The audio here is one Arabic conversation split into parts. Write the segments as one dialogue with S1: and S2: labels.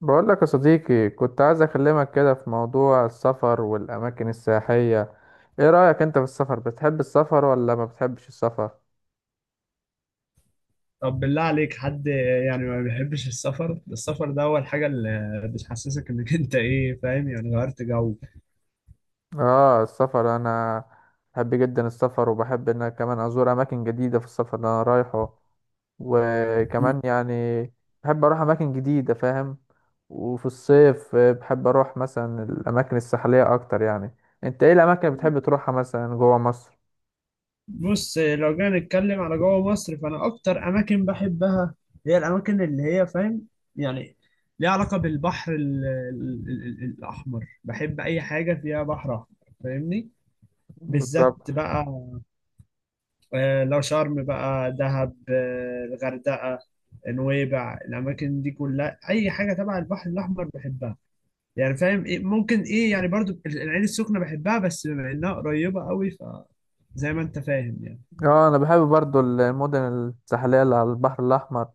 S1: بقول لك يا صديقي، كنت عايز اكلمك كده في موضوع السفر والاماكن السياحية. ايه رأيك انت في السفر؟ بتحب السفر ولا ما بتحبش السفر؟
S2: طب بالله عليك، حد يعني ما بيحبش السفر؟ السفر ده هو الحاجة اللي بتحسسك انك انت، ايه، فاهم؟ يعني غيرت جو.
S1: اه، السفر انا بحب جدا السفر، وبحب ان أنا كمان ازور اماكن جديدة في السفر اللي انا رايحه.
S2: مم.
S1: وكمان يعني بحب اروح اماكن جديدة، فاهم؟ وفي الصيف بحب اروح مثلا الاماكن الساحلية اكتر يعني. انت ايه الاماكن اللي بتحب تروحها مثلا جوه مصر؟
S2: بص، لو جينا نتكلم على جوه مصر، فانا اكتر اماكن بحبها هي الاماكن اللي هي، فاهم، يعني ليها علاقة بالبحر ال ال ال ال الاحمر. بحب اي حاجة فيها بحر احمر، فاهمني؟ بالذات
S1: بالظبط.
S2: بقى. لو شرم، بقى دهب، الغردقة، نويبع، الاماكن دي كلها اي حاجة تبع البحر الاحمر بحبها. يعني فاهم إيه؟ ممكن ايه يعني، برضو العين السخنة بحبها، بس بما انها قريبة قوي ف، زي ما انت فاهم يعني.
S1: اه، انا بحب برضو المدن الساحليه اللي على البحر الاحمر،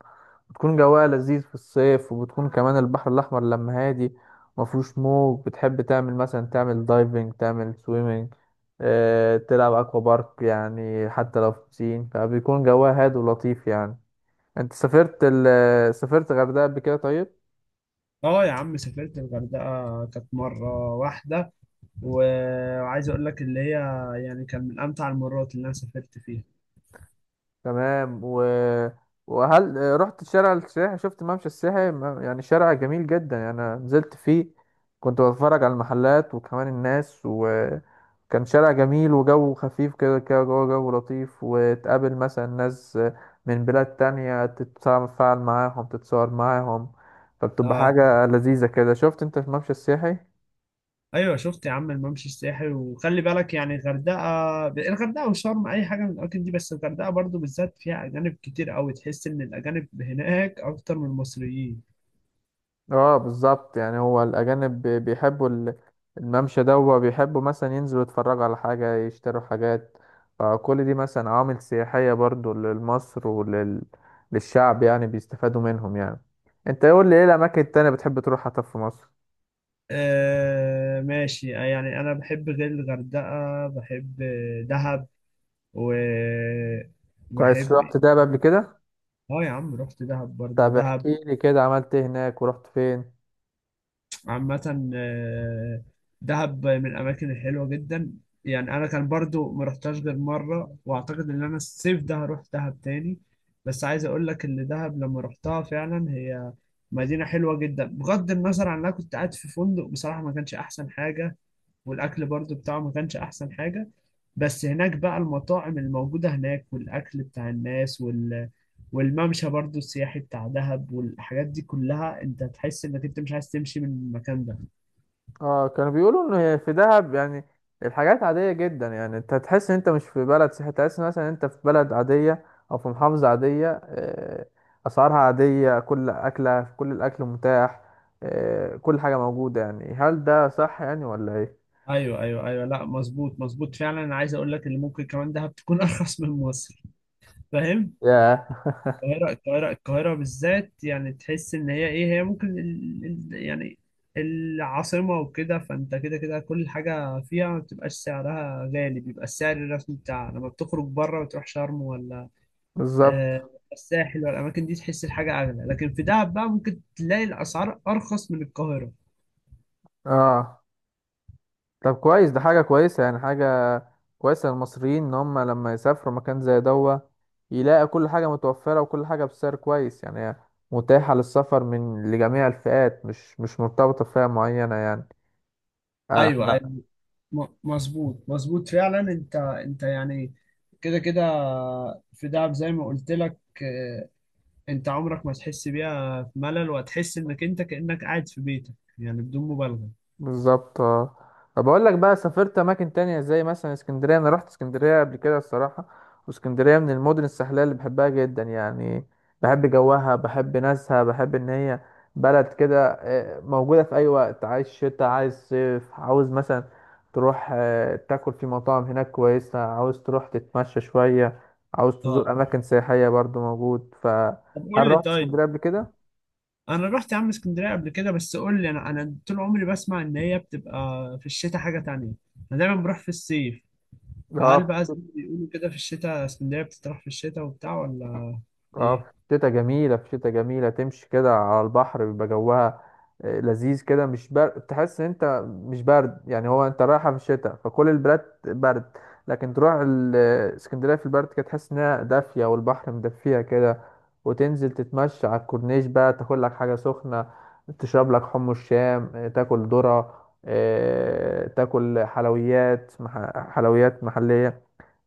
S1: بتكون جواها لذيذ في الصيف، وبتكون كمان البحر الاحمر لما هادي مفهوش موج، بتحب تعمل مثلا تعمل دايفنج، تعمل سويمنج، تلعب اكوا بارك، يعني حتى لو في بسين فبيكون جواها هادي ولطيف يعني. انت سافرت سافرت غردقه قبل كده؟ طيب
S2: اه يا عم، سافرت الغردقة كانت مرة واحدة، وعايز اقول لك اللي هي، يعني كان من امتع المرات اللي انا سافرت فيها.
S1: تمام، وهل رحت شارع السياحي؟ شفت ممشى السياحي؟ يعني شارع جميل جدا يعني، انا نزلت فيه كنت بتفرج على المحلات وكمان الناس، وكان شارع جميل وجو خفيف كده كده جوه جو لطيف، وتقابل مثلا ناس من بلاد تانية، تتفاعل معاهم تتصور معاهم، فبتبقى
S2: اه،
S1: حاجة لذيذة كده. شفت انت في ممشى السياحي؟
S2: ايوه، شفت يا عم الممشى السياحي، وخلي بالك يعني، الغردقة وشرم اي حاجة من الاماكن دي، بس الغردقة برضو بالذات فيها اجانب كتير قوي، تحس ان الاجانب هناك اكتر من المصريين.
S1: اه بالظبط، يعني هو الأجانب بيحبوا الممشى ده، وبيحبوا مثلا ينزلوا يتفرجوا على حاجة، يشتروا حاجات. فكل دي مثلا عوامل سياحية برضو لمصر وللشعب، يعني بيستفادوا منهم يعني. انت قول لي ايه الأماكن التانية بتحب تروحها طب في مصر؟
S2: آه، ماشي، يعني أنا بحب غير الغردقة، بحب دهب، و
S1: كويس،
S2: بحب.
S1: رحت دهب قبل كده؟
S2: اه يا عم، رحت دهب، برضو
S1: طب
S2: دهب.
S1: احكي لي كده، عملت ايه هناك ورحت فين؟
S2: عامة، دهب من الأماكن الحلوة جدا. يعني أنا كان برضو ما رحتهاش غير مرة، وأعتقد إن أنا الصيف ده هروح دهب تاني. بس عايز أقول لك إن دهب لما رحتها فعلا، هي مدينة حلوة جدا، بغض النظر عن إن أنا كنت قاعد في فندق بصراحة ما كانش أحسن حاجة، والاكل برضو بتاعه ما كانش احسن حاجه. بس هناك بقى المطاعم الموجوده هناك، والاكل بتاع الناس، وال، والممشى برضو السياحي بتاع دهب والحاجات دي كلها، انت تحس انك انت مش عايز تمشي من المكان ده.
S1: اه، كانوا بيقولوا ان هي في دهب يعني الحاجات عادية جدا، يعني انت هتحس ان انت مش في بلد سياحي، تحس مثلا إن انت في بلد عادية او في محافظة عادية. اسعارها عادية، كل اكلة في، كل الاكل متاح، كل حاجة موجودة، يعني هل ده صح يعني ولا ايه؟
S2: ايوه، ايوه، ايوه، لا مظبوط، مظبوط فعلا. انا عايز اقول لك ان ممكن كمان دهب تكون ارخص من مصر، فاهم؟
S1: ياه،
S2: القاهرة، القاهرة، القاهرة بالذات يعني، تحس إن هي إيه، هي ممكن يعني العاصمة، وكده، فأنت كده كده كل حاجة فيها ما بتبقاش سعرها غالي، بيبقى السعر الرسمي بتاعها. لما بتخرج بره وتروح شرم، ولا
S1: بالظبط.
S2: الساحل، ولا الأماكن دي، تحس الحاجة أغلى. لكن في دهب بقى ممكن تلاقي الأسعار أرخص من القاهرة.
S1: اه طب كويس، ده حاجة كويسة يعني، حاجة كويسة للمصريين إن هم لما يسافروا مكان زي دوا يلاقي كل حاجة متوفرة، وكل حاجة بسعر كويس، يعني هي متاحة للسفر من لجميع الفئات، مش مرتبطة بفئة معينة يعني.
S2: أيوه،
S1: احنا
S2: أيوه، مظبوط، مظبوط فعلا. أنت يعني، كده كده، في دهب زي ما قلت لك، انت عمرك ما تحس بيها في ملل، وهتحس انك انت كأنك قاعد في بيتك، يعني بدون مبالغة.
S1: بالظبط. اه طب بقول لك بقى، سافرت اماكن تانية زي مثلا اسكندريه، انا رحت اسكندريه قبل كده الصراحه، واسكندريه من المدن الساحليه اللي بحبها جدا يعني. بحب جوها، بحب ناسها، بحب ان هي بلد كده موجوده في اي وقت، عايز شتاء عايز صيف، عاوز مثلا تروح تاكل في مطاعم هناك كويسه، عاوز تروح تتمشى شويه، عاوز
S2: اه،
S1: تزور اماكن سياحيه برضو موجود. فهل
S2: طب قول لي
S1: رحت
S2: طيب.
S1: اسكندريه قبل كده؟
S2: انا رحت يا عم اسكندرية قبل كده، بس قول لي، انا طول عمري بسمع ان هي بتبقى في الشتاء حاجة تانية، انا دايما بروح في الصيف. فهل
S1: اه.
S2: بقى زي ما بيقولوا كده، في الشتاء اسكندرية بتتراح في الشتاء وبتاع، ولا
S1: اه، في شتا جميلة، في شتا جميلة، تمشي كده على البحر بيبقى جوها لذيذ كده، مش برد، تحس ان انت مش برد يعني. هو انت رايحة في الشتاء فكل البلاد برد، لكن تروح اسكندرية في البرد كده تحس انها دافية والبحر مدفيها كده. وتنزل تتمشى على الكورنيش بقى، تاكل لك حاجة سخنة، تشرب لك حم الشام، تاكل ذرة، تاكل حلويات حلويات محلية.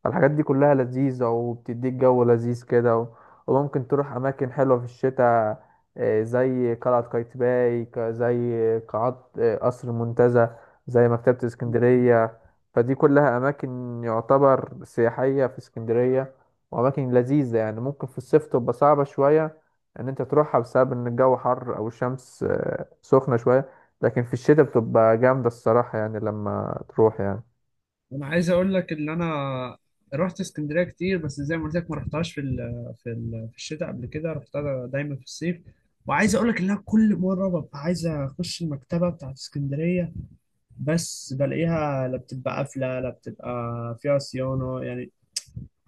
S1: الحاجات دي كلها لذيذة وبتديك جو لذيذ كده، وممكن تروح أماكن حلوة في الشتاء، زي قلعة قايتباي، زي قاعات قصر المنتزه، زي مكتبة
S2: ايه؟
S1: اسكندرية. فدي كلها أماكن يعتبر سياحية في اسكندرية، وأماكن لذيذة يعني. ممكن في الصيف تبقى صعبة شوية إن أنت تروحها بسبب إن الجو حر أو الشمس سخنة شوية، لكن في الشتاء بتبقى جامدة الصراحة يعني لما تروح يعني.
S2: انا عايز اقول لك ان انا رحت اسكندريه كتير، بس زي ما قلت لك ما رحتهاش في الشتاء. قبل كده رحتها دايما في الصيف. وعايز اقول لك ان انا كل مره ببقى عايز اخش المكتبه بتاعت اسكندريه، بس بلاقيها لا بتبقى قافله، لا بتبقى فيها صيانه يعني،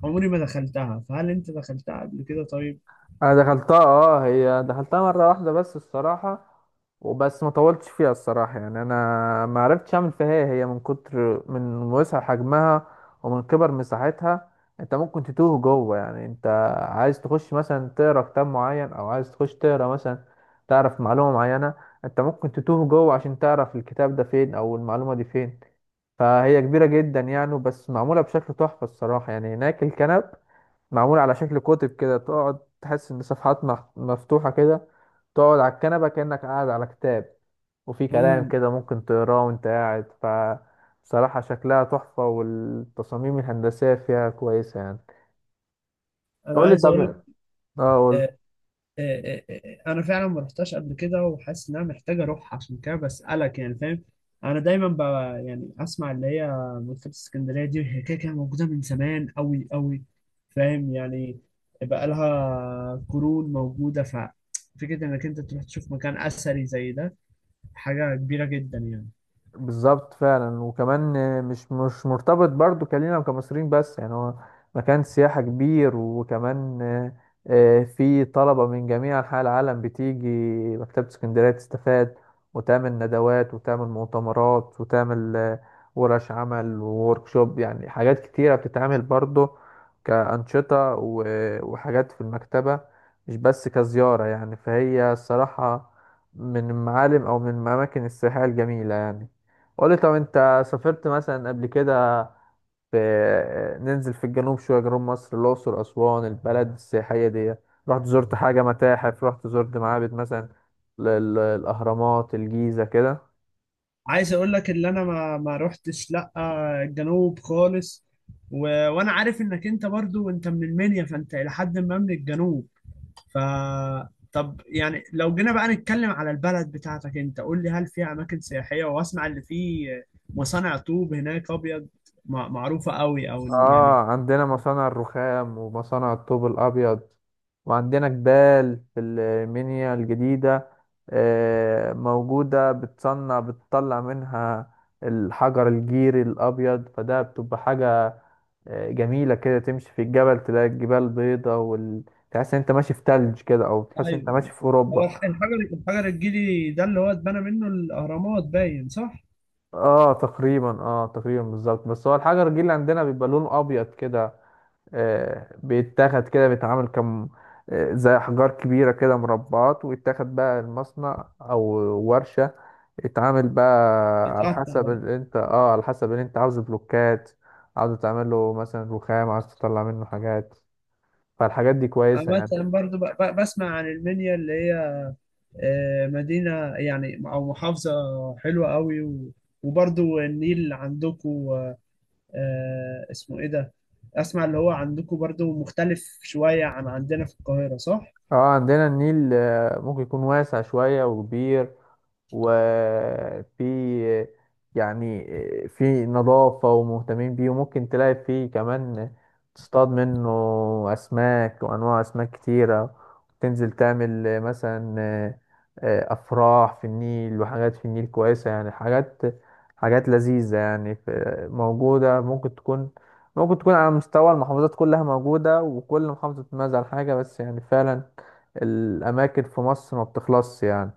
S2: عمري ما دخلتها. فهل انت دخلتها قبل كده طيب؟
S1: انا دخلتها اه، هي دخلتها مره واحده بس الصراحه، وبس ما طولتش فيها الصراحه يعني، انا ما عرفتش اعمل فيها. هي من كتر من وسع حجمها ومن كبر مساحتها انت ممكن تتوه جوه يعني. انت عايز تخش مثلا تقرا كتاب معين، او عايز تخش تقرا مثلا تعرف معلومه معينه، انت ممكن تتوه جوه عشان تعرف الكتاب ده فين او المعلومه دي فين، فهي كبيره جدا يعني. بس معموله بشكل تحفه الصراحه يعني، هناك الكنب معمول على شكل كتب كده، تقعد تحس ان صفحات مفتوحة كده، تقعد على الكنبة كأنك قاعد على كتاب، وفي كلام
S2: امم
S1: كده ممكن تقراه وانت قاعد ف، بصراحة شكلها تحفة، والتصاميم الهندسية فيها كويسة يعني.
S2: انا
S1: قولي
S2: عايز
S1: طب.
S2: اقول لك.
S1: اه قول.
S2: آه، آه، انا فعلا ما رحتش قبل كده، وحاسس ان انا محتاج اروح، عشان كده بسالك يعني، فاهم؟ انا دايما ب، يعني اسمع اللي هي مكتبه اسكندريه دي، هي كده كده موجوده من زمان قوي قوي، فاهم يعني؟ بقى لها قرون موجوده، ففكره انك انت تروح تشوف مكان اثري زي ده حاجه كبيره جدا يعني.
S1: بالظبط فعلا. وكمان مش مرتبط برضو كلينا وكمصريين بس، يعني هو مكان سياحة كبير، وكمان في طلبة من جميع أنحاء العالم بتيجي مكتبة اسكندرية تستفاد، وتعمل ندوات، وتعمل مؤتمرات، وتعمل ورش عمل ووركشوب، يعني حاجات كتيرة بتتعمل برضو كأنشطة، وحاجات في المكتبة، مش بس كزيارة يعني. فهي الصراحة من المعالم أو من الأماكن السياحية الجميلة يعني. قولي طب، انت سافرت مثلا قبل كده في، ننزل في الجنوب شوية، جنوب مصر، الأقصر أسوان البلد السياحية دي؟ رحت زرت حاجة متاحف؟ رحت زرت معابد مثلا الأهرامات الجيزة كده؟
S2: عايز اقول لك اللي انا ما رحتش لا الجنوب خالص، و... وانا عارف انك انت برضو انت من المنيا، فانت الى حد ما من الجنوب. ف، طب يعني لو جينا بقى نتكلم على البلد بتاعتك، انت قول لي هل فيها اماكن سياحية؟ واسمع اللي فيه مصانع طوب هناك ابيض، معروفة قوي، او
S1: اه،
S2: يعني.
S1: عندنا مصانع الرخام ومصانع الطوب الابيض، وعندنا جبال في المنيا الجديدة موجودة، بتصنع بتطلع منها الحجر الجيري الأبيض. فده بتبقى حاجة جميلة كده، تمشي في الجبل تلاقي الجبال بيضة تحس إن أنت ماشي في تلج كده، أو تحس إن أنت
S2: ايوه،
S1: ماشي في
S2: هو
S1: أوروبا.
S2: الحجر الجيلي ده اللي هو اتبنى منه الاهرامات، باين صح؟
S1: اه تقريبا، اه تقريبا بالظبط. بس هو الحجر الجيري اللي عندنا بيبقى لونه أبيض كده، بيتاخد كده بيتعمل كم، زي أحجار كبيرة كده مربعات، ويتاخد بقى المصنع أو ورشة يتعامل بقى على
S2: اتقطع.
S1: حسب اللي أنت اه على حسب اللي أنت عاوز بلوكات، عاوز تعمل له مثلا رخام، عاوز تطلع منه حاجات. فالحاجات دي
S2: أنا
S1: كويسة يعني.
S2: مثلا برضو بسمع عن المنيا اللي هي مدينة، يعني أو محافظة حلوة قوي، و- وبرضو النيل عندكم. اسمه ايه ده، اسمع اللي هو عندكم برضو مختلف شوية عن عندنا في القاهرة، صح؟
S1: اه عندنا النيل ممكن يكون واسع شوية وكبير، وفي يعني في نظافة ومهتمين بيه، وممكن تلاقي فيه كمان تصطاد منه أسماك وأنواع أسماك كتيرة، تنزل تعمل مثلا أفراح في النيل وحاجات في النيل كويسة يعني، حاجات حاجات لذيذة يعني في- موجودة. ممكن تكون على مستوى المحافظات كلها موجودة، وكل محافظة بتميز عن حاجة، بس يعني فعلا الأماكن في مصر ما بتخلصش يعني.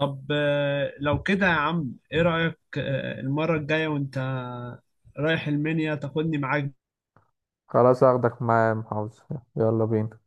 S2: طب لو كده يا عم، ايه رأيك المرة الجاية وانت رايح المنيا تاخدني معاك؟
S1: خلاص هاخدك معايا يا محافظ. يلا بينا.